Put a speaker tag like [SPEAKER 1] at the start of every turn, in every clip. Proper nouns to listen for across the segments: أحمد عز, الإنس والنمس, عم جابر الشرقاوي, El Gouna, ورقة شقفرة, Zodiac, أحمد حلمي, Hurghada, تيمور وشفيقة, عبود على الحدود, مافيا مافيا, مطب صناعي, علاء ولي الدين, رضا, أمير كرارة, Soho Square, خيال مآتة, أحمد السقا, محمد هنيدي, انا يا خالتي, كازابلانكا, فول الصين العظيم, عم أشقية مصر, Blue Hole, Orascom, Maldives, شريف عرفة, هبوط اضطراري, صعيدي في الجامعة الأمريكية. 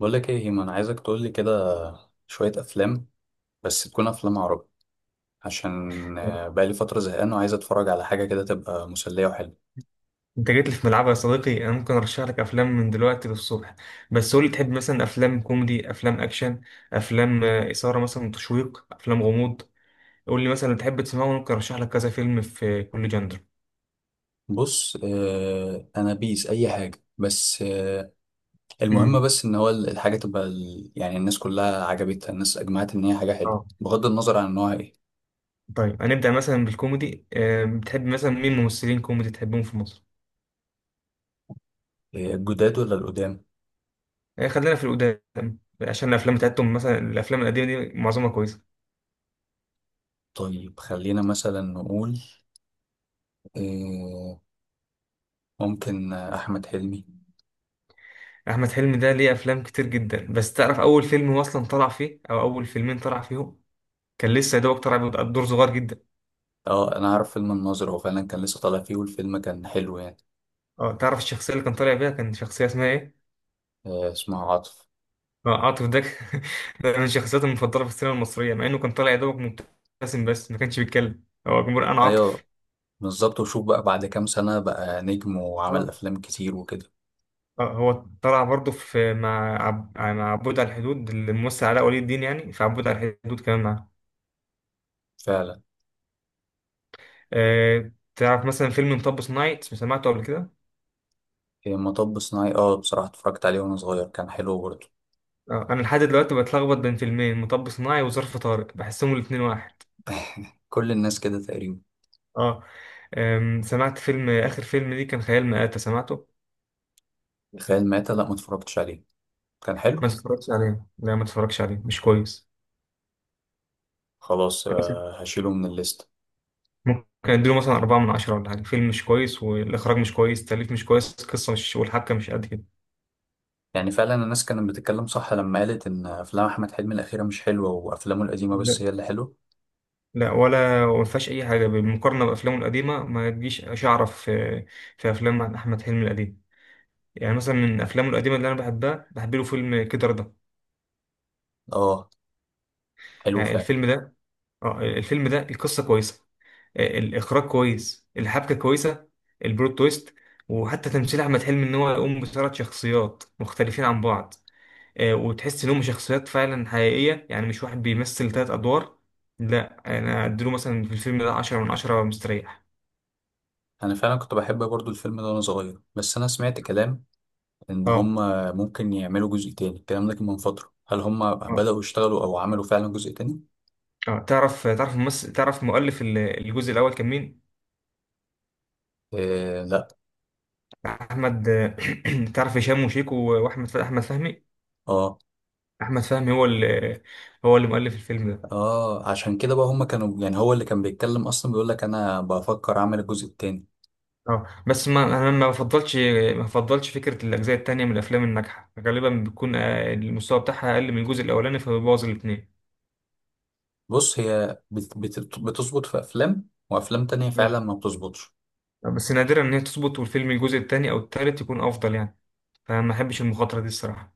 [SPEAKER 1] بقول لك ايه يا هيما، انا عايزك تقول لي كده شويه افلام، بس تكون افلام عربي عشان
[SPEAKER 2] انت
[SPEAKER 1] بقالي فتره زهقان وعايز اتفرج على حاجه كده تبقى مسليه وحلوه.
[SPEAKER 2] جيت لي في ملعبي يا صديقي. انا ممكن ارشح لك افلام من دلوقتي للصبح، بس قول لي تحب مثلا افلام كوميدي، افلام اكشن، افلام اثاره، مثلا تشويق، افلام غموض. قول لي مثلا تحب تسمعه ممكن ارشح لك كذا فيلم في كل جندر.
[SPEAKER 1] بص انا بيس اي حاجه، بس المهم
[SPEAKER 2] امم
[SPEAKER 1] بس ان هو الحاجه تبقى يعني الناس كلها عجبتها، الناس اجمعت ان هي حاجه حلوه
[SPEAKER 2] اه.
[SPEAKER 1] بغض النظر عن نوعها ايه.
[SPEAKER 2] طيب هنبدا مثلا بالكوميدي، بتحب مثلا مين ممثلين كوميدي تحبهم في مصر؟
[SPEAKER 1] الجداد ولا القدام؟
[SPEAKER 2] خلينا في القدام عشان الافلام بتاعتهم، مثلا الافلام القديمه دي معظمها كويسه.
[SPEAKER 1] طيب خلينا مثلا نقول آه، ممكن احمد حلمي.
[SPEAKER 2] احمد حلمي ده ليه افلام كتير جدا، بس تعرف اول فيلم هو اصلا طلع فيه او اول فيلمين طلع فيهم؟ كان لسه يا دوبك طالع بدور صغير جدا.
[SPEAKER 1] اه انا عارف فيلم الناظر، هو فعلا كان لسه طالع فيه، والفيلم كان حلو يعني.
[SPEAKER 2] اه، تعرف الشخصيه اللي كان طالع بيها كان شخصيه اسمها ايه؟
[SPEAKER 1] اسمها عاطف.
[SPEAKER 2] عاطف. ده ده من شخصياتي المفضله في السينما المصريه، مع انه كان طالع يا دوبك مبتسم بس ما كانش بيتكلم. هو جمهور. انا
[SPEAKER 1] ايوه
[SPEAKER 2] عاطف.
[SPEAKER 1] بالظبط، وشوف بقى بعد كام سنة بقى نجم وعمل
[SPEAKER 2] اه.
[SPEAKER 1] افلام كتير وكده.
[SPEAKER 2] اه هو طلع برضه في مع مع عبود على الحدود، الممثل علاء ولي الدين، يعني في عبود على الحدود كمان معاه.
[SPEAKER 1] فعلا.
[SPEAKER 2] تعرف مثلا فيلم مطب صناعي؟ سمعته قبل كده؟
[SPEAKER 1] إيه، مطب صناعي، اه بصراحة اتفرجت عليه وانا صغير، كان حلو برضه.
[SPEAKER 2] انا لحد دلوقتي بتلخبط بين فيلمين، مطب صناعي وظرف طارق، بحسهم الاتنين واحد.
[SPEAKER 1] كل الناس كده تقريبا.
[SPEAKER 2] اه. سمعت فيلم آخر فيلم ليه كان خيال مآتة؟ سمعته؟
[SPEAKER 1] خيال مآتة، لا ما اتفرجتش عليه، كان
[SPEAKER 2] ما
[SPEAKER 1] حلو.
[SPEAKER 2] تتفرجش عليه، لا ما تتفرجش عليه، مش كويس.
[SPEAKER 1] خلاص
[SPEAKER 2] أنا مثلا
[SPEAKER 1] هشيله من الليست.
[SPEAKER 2] ممكن أديله مثلا 4 من 10 ولا حاجة. فيلم مش كويس، والإخراج مش كويس، التأليف مش كويس، القصة مش والحبكة مش قد كده.
[SPEAKER 1] يعني فعلا الناس كانت بتتكلم صح لما قالت ان افلام احمد حلمي الاخيرة مش حلوة، وافلامه القديمة
[SPEAKER 2] لا،
[SPEAKER 1] بس هي اللي حلوة.
[SPEAKER 2] لا ولا ما فيهاش أي حاجة بالمقارنة بأفلامه القديمة، ما تجيش شعرة في أفلام أحمد حلمي القديم. يعني مثلا من أفلامه القديمة اللي أنا بحبها، بحب له فيلم كده رضا.
[SPEAKER 1] اه حلو
[SPEAKER 2] يعني
[SPEAKER 1] فعلا.
[SPEAKER 2] الفيلم ده، اه الفيلم ده القصة كويسة، الاخراج كويس، الحبكه كويسه، البلوت تويست، وحتى تمثيل احمد حلمي ان هو يقوم بثلاث شخصيات مختلفين عن بعض، وتحس انهم شخصيات فعلا حقيقيه، يعني مش واحد بيمثل ثلاث ادوار. لا انا اديله مثلا في الفيلم ده 10 من 10 مستريح.
[SPEAKER 1] انا فعلا كنت بحب برضه الفيلم ده وانا صغير، بس انا سمعت كلام ان هم
[SPEAKER 2] اه.
[SPEAKER 1] ممكن يعملوا جزء تاني. الكلام ده كان من فترة، هل هم
[SPEAKER 2] اه.
[SPEAKER 1] بدأوا يشتغلوا او عملوا فعلا جزء تاني؟
[SPEAKER 2] تعرف ممثل، تعرف مؤلف الجزء الاول كان مين؟
[SPEAKER 1] إيه لا.
[SPEAKER 2] احمد تعرف هشام وشيكو واحمد احمد فهمي؟
[SPEAKER 1] اه.
[SPEAKER 2] احمد فهمي هو اللي مؤلف الفيلم ده.
[SPEAKER 1] اه عشان كده بقى هم كانوا يعني، هو اللي كان بيتكلم اصلا بيقول لك انا بفكر اعمل الجزء التاني.
[SPEAKER 2] اه. بس ما انا ما بفضلش فكره الاجزاء التانية من الافلام الناجحه، غالبا بيكون المستوى بتاعها اقل من الجزء الاولاني فبيبوظ الاثنين.
[SPEAKER 1] بص هي بت بت بتظبط في افلام، وافلام تانية
[SPEAKER 2] اه،
[SPEAKER 1] فعلا ما بتظبطش.
[SPEAKER 2] بس نادرا ان هي تظبط والفيلم الجزء التاني او التالت يكون افضل، يعني فما احبش المخاطره دي الصراحه.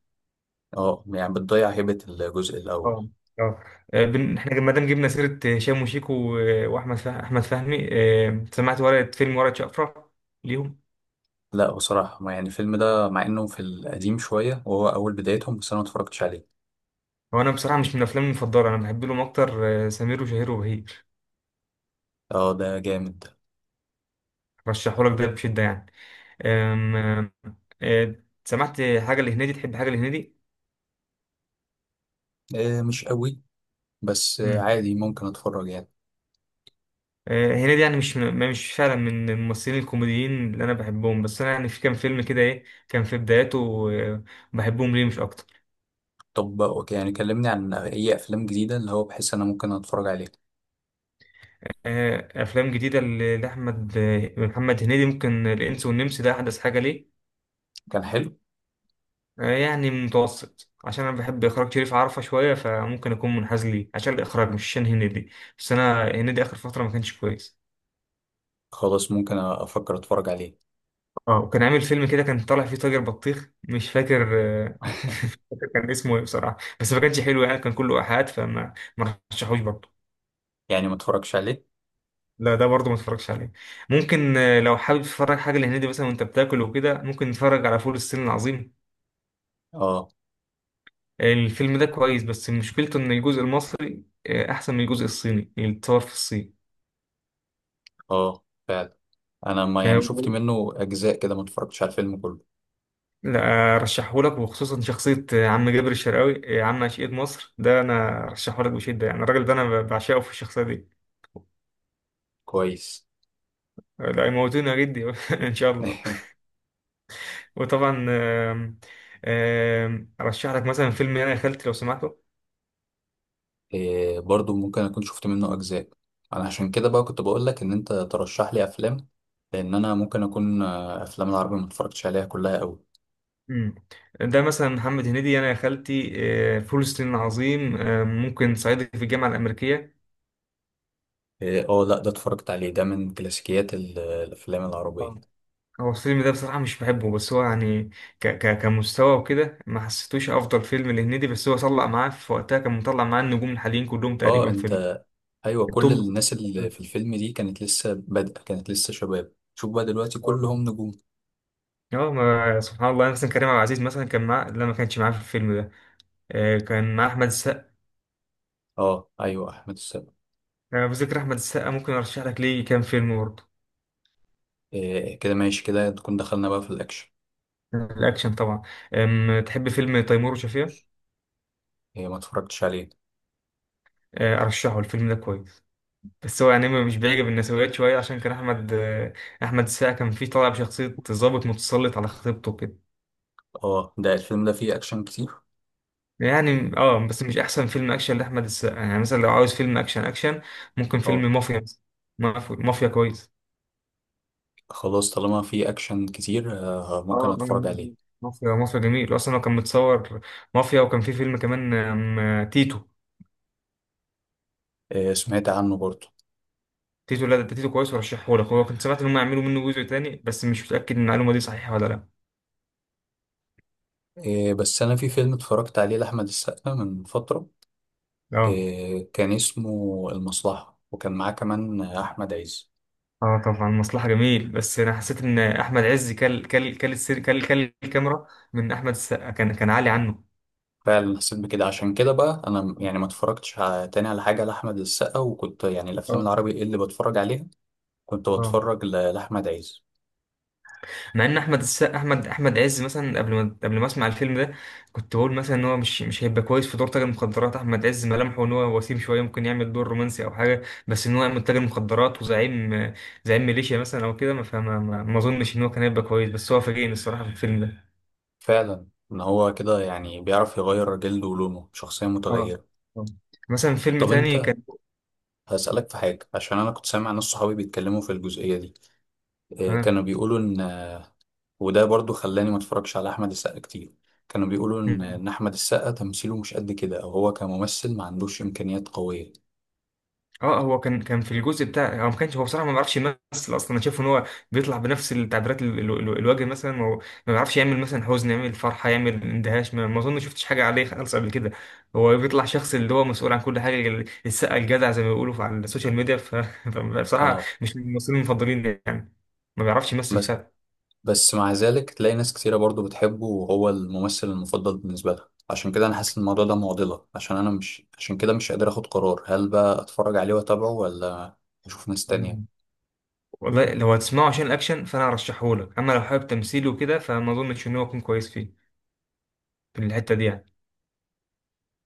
[SPEAKER 1] اه يعني بتضيع هيبة الجزء الاول.
[SPEAKER 2] اه. اه. احنا ما دام جبنا سيره هشام وشيكو واحمد احمد فهمي، سمعت ورقه فيلم ورقه شقفره ليهم؟
[SPEAKER 1] لا بصراحة ما يعني، الفيلم ده مع انه في القديم شوية وهو اول بدايتهم، بس انا ما اتفرجتش عليه.
[SPEAKER 2] هو انا بصراحه مش من افلامي المفضله، انا بحب لهم اكتر سمير وشهير وبهير.
[SPEAKER 1] اه ده جامد.
[SPEAKER 2] رشحهولك ده بشده يعني. أم... أم، أه، سمعت حاجة لهنيدي؟ تحب حاجة لهنيدي؟
[SPEAKER 1] آه مش قوي، بس آه
[SPEAKER 2] مم.
[SPEAKER 1] عادي ممكن اتفرج يعني.
[SPEAKER 2] هنيدي يعني مش فعلا من الممثلين الكوميديين اللي أنا بحبهم، بس أنا يعني في كام فيلم كده إيه كان في بداياته بحبهم ليه، مش أكتر.
[SPEAKER 1] طب أوكي، يعني كلمني عن اي افلام جديده اللي هو بحس انا ممكن اتفرج عليه.
[SPEAKER 2] أفلام جديدة لأحمد محمد هنيدي، ممكن الإنس والنمس ده أحدث حاجة ليه.
[SPEAKER 1] كان حلو.
[SPEAKER 2] يعني متوسط، عشان أنا بحب إخراج شريف عرفة شوية فممكن أكون منحاز ليه عشان الإخراج مش عشان هنيدي. بس أنا هنيدي آخر فترة ما كانش كويس.
[SPEAKER 1] خلاص ممكن افكر اتفرج عليه.
[SPEAKER 2] اه، وكان عامل فيلم كده كان طالع فيه تاجر بطيخ، مش فاكر مش فاكر كان اسمه ايه بصراحه، بس ما كانش حلو يعني كان كله ايحاءات، فما ما رشحوش برضه.
[SPEAKER 1] يعني ما اتفرجش عليه.
[SPEAKER 2] لا، ده برضه ما اتفرجش عليه. ممكن لو حابب تتفرج حاجه لهنيدي مثلا وانت بتاكل وكده، ممكن تتفرج على فول الصين العظيم.
[SPEAKER 1] اه.
[SPEAKER 2] الفيلم ده كويس بس مشكلته ان الجزء المصري احسن من الجزء الصيني اللي اتصور في الصين.
[SPEAKER 1] اه فعلا، انا ما
[SPEAKER 2] آه،
[SPEAKER 1] يعني شفت منه اجزاء كده، ما اتفرجتش على الفيلم كله.
[SPEAKER 2] لا رشحهولك، وخصوصا شخصية عم جابر الشرقاوي، عم أشقية مصر. ده أنا رشحهولك بشدة يعني، الراجل ده أنا بعشقه في الشخصية دي.
[SPEAKER 1] كويس.
[SPEAKER 2] لا يموتونا جدي ان شاء الله. وطبعا آم، آم، ارشح لك مثلا فيلم انا يا خالتي لو سمحته.
[SPEAKER 1] إيه برضو ممكن اكون شفت منه اجزاء. انا عشان كده بقى كنت بقول لك ان انت ترشح لي افلام، لان انا ممكن اكون افلام العربي ما اتفرجتش عليها كلها قوي.
[SPEAKER 2] مم. ده مثلا محمد هنيدي، انا يا خالتي، فول الصين العظيم، ممكن صعيدي في الجامعه الامريكيه.
[SPEAKER 1] إيه، اه لا ده اتفرجت عليه، ده من كلاسيكيات الافلام العربيه.
[SPEAKER 2] آه. هو الفيلم ده بصراحه مش بحبه، بس هو يعني ك ك كمستوى وكده ما حسيتوش افضل فيلم لهنيدي، بس هو طلع معاه في وقتها كان مطلع معاه النجوم الحاليين كلهم
[SPEAKER 1] اه
[SPEAKER 2] تقريبا في
[SPEAKER 1] انت، ايوه كل
[SPEAKER 2] التوب في
[SPEAKER 1] الناس
[SPEAKER 2] الفترة
[SPEAKER 1] اللي
[SPEAKER 2] دي.
[SPEAKER 1] في الفيلم دي كانت لسه بادئه، كانت لسه شباب، شوف بقى دلوقتي
[SPEAKER 2] آه.
[SPEAKER 1] كلهم نجوم.
[SPEAKER 2] اه، ما سبحان الله، مثلا كريم عبد العزيز مثلا كان معاه، لا ما كانش معاه في الفيلم ده. كان مع أحمد السقا.
[SPEAKER 1] اه ايوه احمد السقا.
[SPEAKER 2] أنا بذكر أحمد السقا ممكن أرشح لك ليه كام فيلم برضه.
[SPEAKER 1] إيه كده ماشي، كده تكون دخلنا بقى في الاكشن.
[SPEAKER 2] الأكشن طبعا. تحب فيلم تيمور وشفيقة؟
[SPEAKER 1] إيه ما اتفرجتش عليه.
[SPEAKER 2] أرشحه، الفيلم ده كويس، بس هو يعني مش بيعجب النسويات شوية عشان كان أحمد السقا كان فيه طالع بشخصية ضابط متسلط على خطيبته كده.
[SPEAKER 1] اه ده الفيلم ده فيه اكشن كتير.
[SPEAKER 2] يعني اه، بس مش أحسن فيلم أكشن لأحمد السقا، يعني مثلا لو عاوز فيلم أكشن أكشن ممكن
[SPEAKER 1] اه
[SPEAKER 2] فيلم مافيا مثلا. مافيا كويس.
[SPEAKER 1] خلاص طالما فيه اكشن كتير آه
[SPEAKER 2] اه.
[SPEAKER 1] ممكن
[SPEAKER 2] آه،
[SPEAKER 1] اتفرج عليه.
[SPEAKER 2] مافيا جميل، اصلا هو كان متصور مافيا. وكان في فيلم كمان تيتو.
[SPEAKER 1] إيه سمعت عنه برضه.
[SPEAKER 2] تيتو، لا ده تيتو كويس ورشحه لك، هو كنت سمعت ان هم يعملوا منه جزء تاني بس مش متاكد ان المعلومه دي صحيحه ولا لا.
[SPEAKER 1] إيه بس انا في فيلم اتفرجت عليه لاحمد السقا من فتره،
[SPEAKER 2] اه.
[SPEAKER 1] إيه كان اسمه المصلحه، وكان معاه كمان احمد عز.
[SPEAKER 2] اه طبعا، مصلحه جميل، بس انا حسيت ان احمد عز كل السير، كل الكاميرا من احمد السقا كان عالي عنه.
[SPEAKER 1] فعلا حسيت بكده، عشان كده بقى انا يعني ما اتفرجتش تاني على حاجه لاحمد السقا، وكنت يعني الافلام
[SPEAKER 2] اه.
[SPEAKER 1] العربي إيه اللي بتفرج عليها، كنت
[SPEAKER 2] اه.
[SPEAKER 1] بتفرج لاحمد عز.
[SPEAKER 2] مع ان احمد السقا، احمد عز مثلا قبل ما اسمع الفيلم ده كنت بقول مثلا ان هو مش هيبقى كويس في دور تاجر مخدرات. احمد عز ملامحه ان هو وسيم شويه، ممكن يعمل دور رومانسي او حاجه، بس ان هو يعمل تاجر مخدرات وزعيم، ميليشيا مثلا او كده، ما فما ما ما اظنش ان هو كان هيبقى كويس، بس هو فاجئني الصراحه في الفيلم ده.
[SPEAKER 1] فعلا ان هو كده يعني بيعرف يغير جلده ولونه، شخصيه
[SPEAKER 2] اه.
[SPEAKER 1] متغيره.
[SPEAKER 2] آه. مثلا فيلم
[SPEAKER 1] طب
[SPEAKER 2] تاني
[SPEAKER 1] انت
[SPEAKER 2] كان
[SPEAKER 1] هسألك في حاجة، عشان أنا كنت سامع ناس صحابي بيتكلموا في الجزئية دي، إيه، كانوا بيقولوا إن، وده برضو خلاني ما اتفرجش على أحمد السقا كتير، كانوا بيقولوا إن
[SPEAKER 2] آه.
[SPEAKER 1] أحمد السقا تمثيله مش قد كده، أو هو كممثل ما عندوش إمكانيات قوية.
[SPEAKER 2] اه، هو كان في الجزء بتاع هو، ما كانش هو بصراحه ما بيعرفش يمثل اصلا. انا شايف ان هو بيطلع بنفس التعبيرات الوجه، مثلا هو ما بيعرفش يعمل مثلا حزن، يعمل فرحه، يعمل اندهاش، ما ما اظن شفتش حاجه عليه خالص قبل كده. هو بيطلع شخص اللي هو مسؤول عن كل حاجه، السقا الجدع زي ما بيقولوا على السوشيال ميديا فبصراحه
[SPEAKER 1] اه.
[SPEAKER 2] مش من الممثلين المفضلين يعني، ما بيعرفش يمثل
[SPEAKER 1] بس،
[SPEAKER 2] فعلا.
[SPEAKER 1] بس مع ذلك تلاقي ناس كتيرة برضو بتحبه، وهو الممثل المفضل بالنسبة لها، عشان كده أنا حاسس إن الموضوع ده معضلة، عشان أنا مش عشان كده مش قادر آخد قرار، هل بقى أتفرج عليه وأتابعه ولا أشوف ناس تانية.
[SPEAKER 2] مم. والله لو هتسمعه عشان الاكشن فانا ارشحهولك، اما لو حابب تمثيله وكده فما اظنش ان هو يكون كويس فيه، في الحته دي يعني.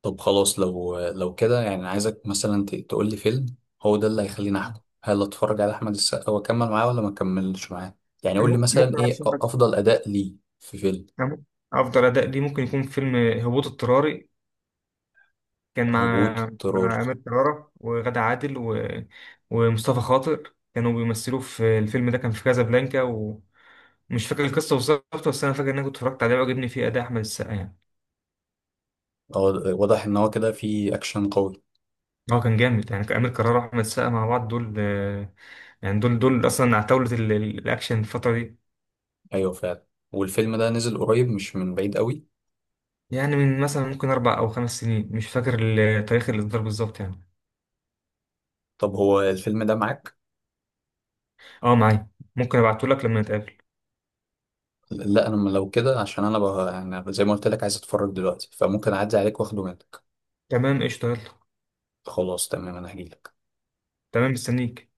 [SPEAKER 1] طب خلاص لو كده يعني، أنا عايزك مثلا تقولي فيلم، هو ده اللي هيخليني أحكم هل أتفرج على أحمد السقا وأكمل معاه ولا ما أكملش معاه. يعني قولي مثلا
[SPEAKER 2] ممكن
[SPEAKER 1] إيه أفضل أداء ليه في فيلم.
[SPEAKER 2] أفضل أداء ليه ممكن يكون فيلم هبوط اضطراري. كان
[SPEAKER 1] هبوط
[SPEAKER 2] مع
[SPEAKER 1] اضطراري؟
[SPEAKER 2] أمير كرارة وغادة عادل ومصطفى خاطر، كانوا بيمثلوا في الفيلم ده. كان في كازابلانكا ومش فاكر القصة بالظبط، بس أنا فاكر إن أنا كنت اتفرجت عليه وعجبني فيه أداء أحمد السقا يعني.
[SPEAKER 1] أه، واضح إن هو كده فيه أكشن قوي.
[SPEAKER 2] هو كان جامد، يعني أمير كرارة وأحمد السقا مع بعض دول يعني دول أصلا عتاولة الأكشن الفترة دي.
[SPEAKER 1] أيوه فعلا. والفيلم ده نزل قريب مش من بعيد قوي.
[SPEAKER 2] يعني من مثلا ممكن 4 أو 5 سنين، مش فاكر تاريخ الإصدار بالظبط يعني.
[SPEAKER 1] طب هو الفيلم ده معاك؟
[SPEAKER 2] أه معايا، ممكن أبعتهولك لما نتقابل.
[SPEAKER 1] لا انا لو كده عشان انا بقى يعني زي ما قلت لك عايز اتفرج دلوقتي، فممكن اعدي عليك واخده منك.
[SPEAKER 2] تمام قشطة يلا.
[SPEAKER 1] خلاص تمام انا هجيلك.
[SPEAKER 2] تمام مستنيك.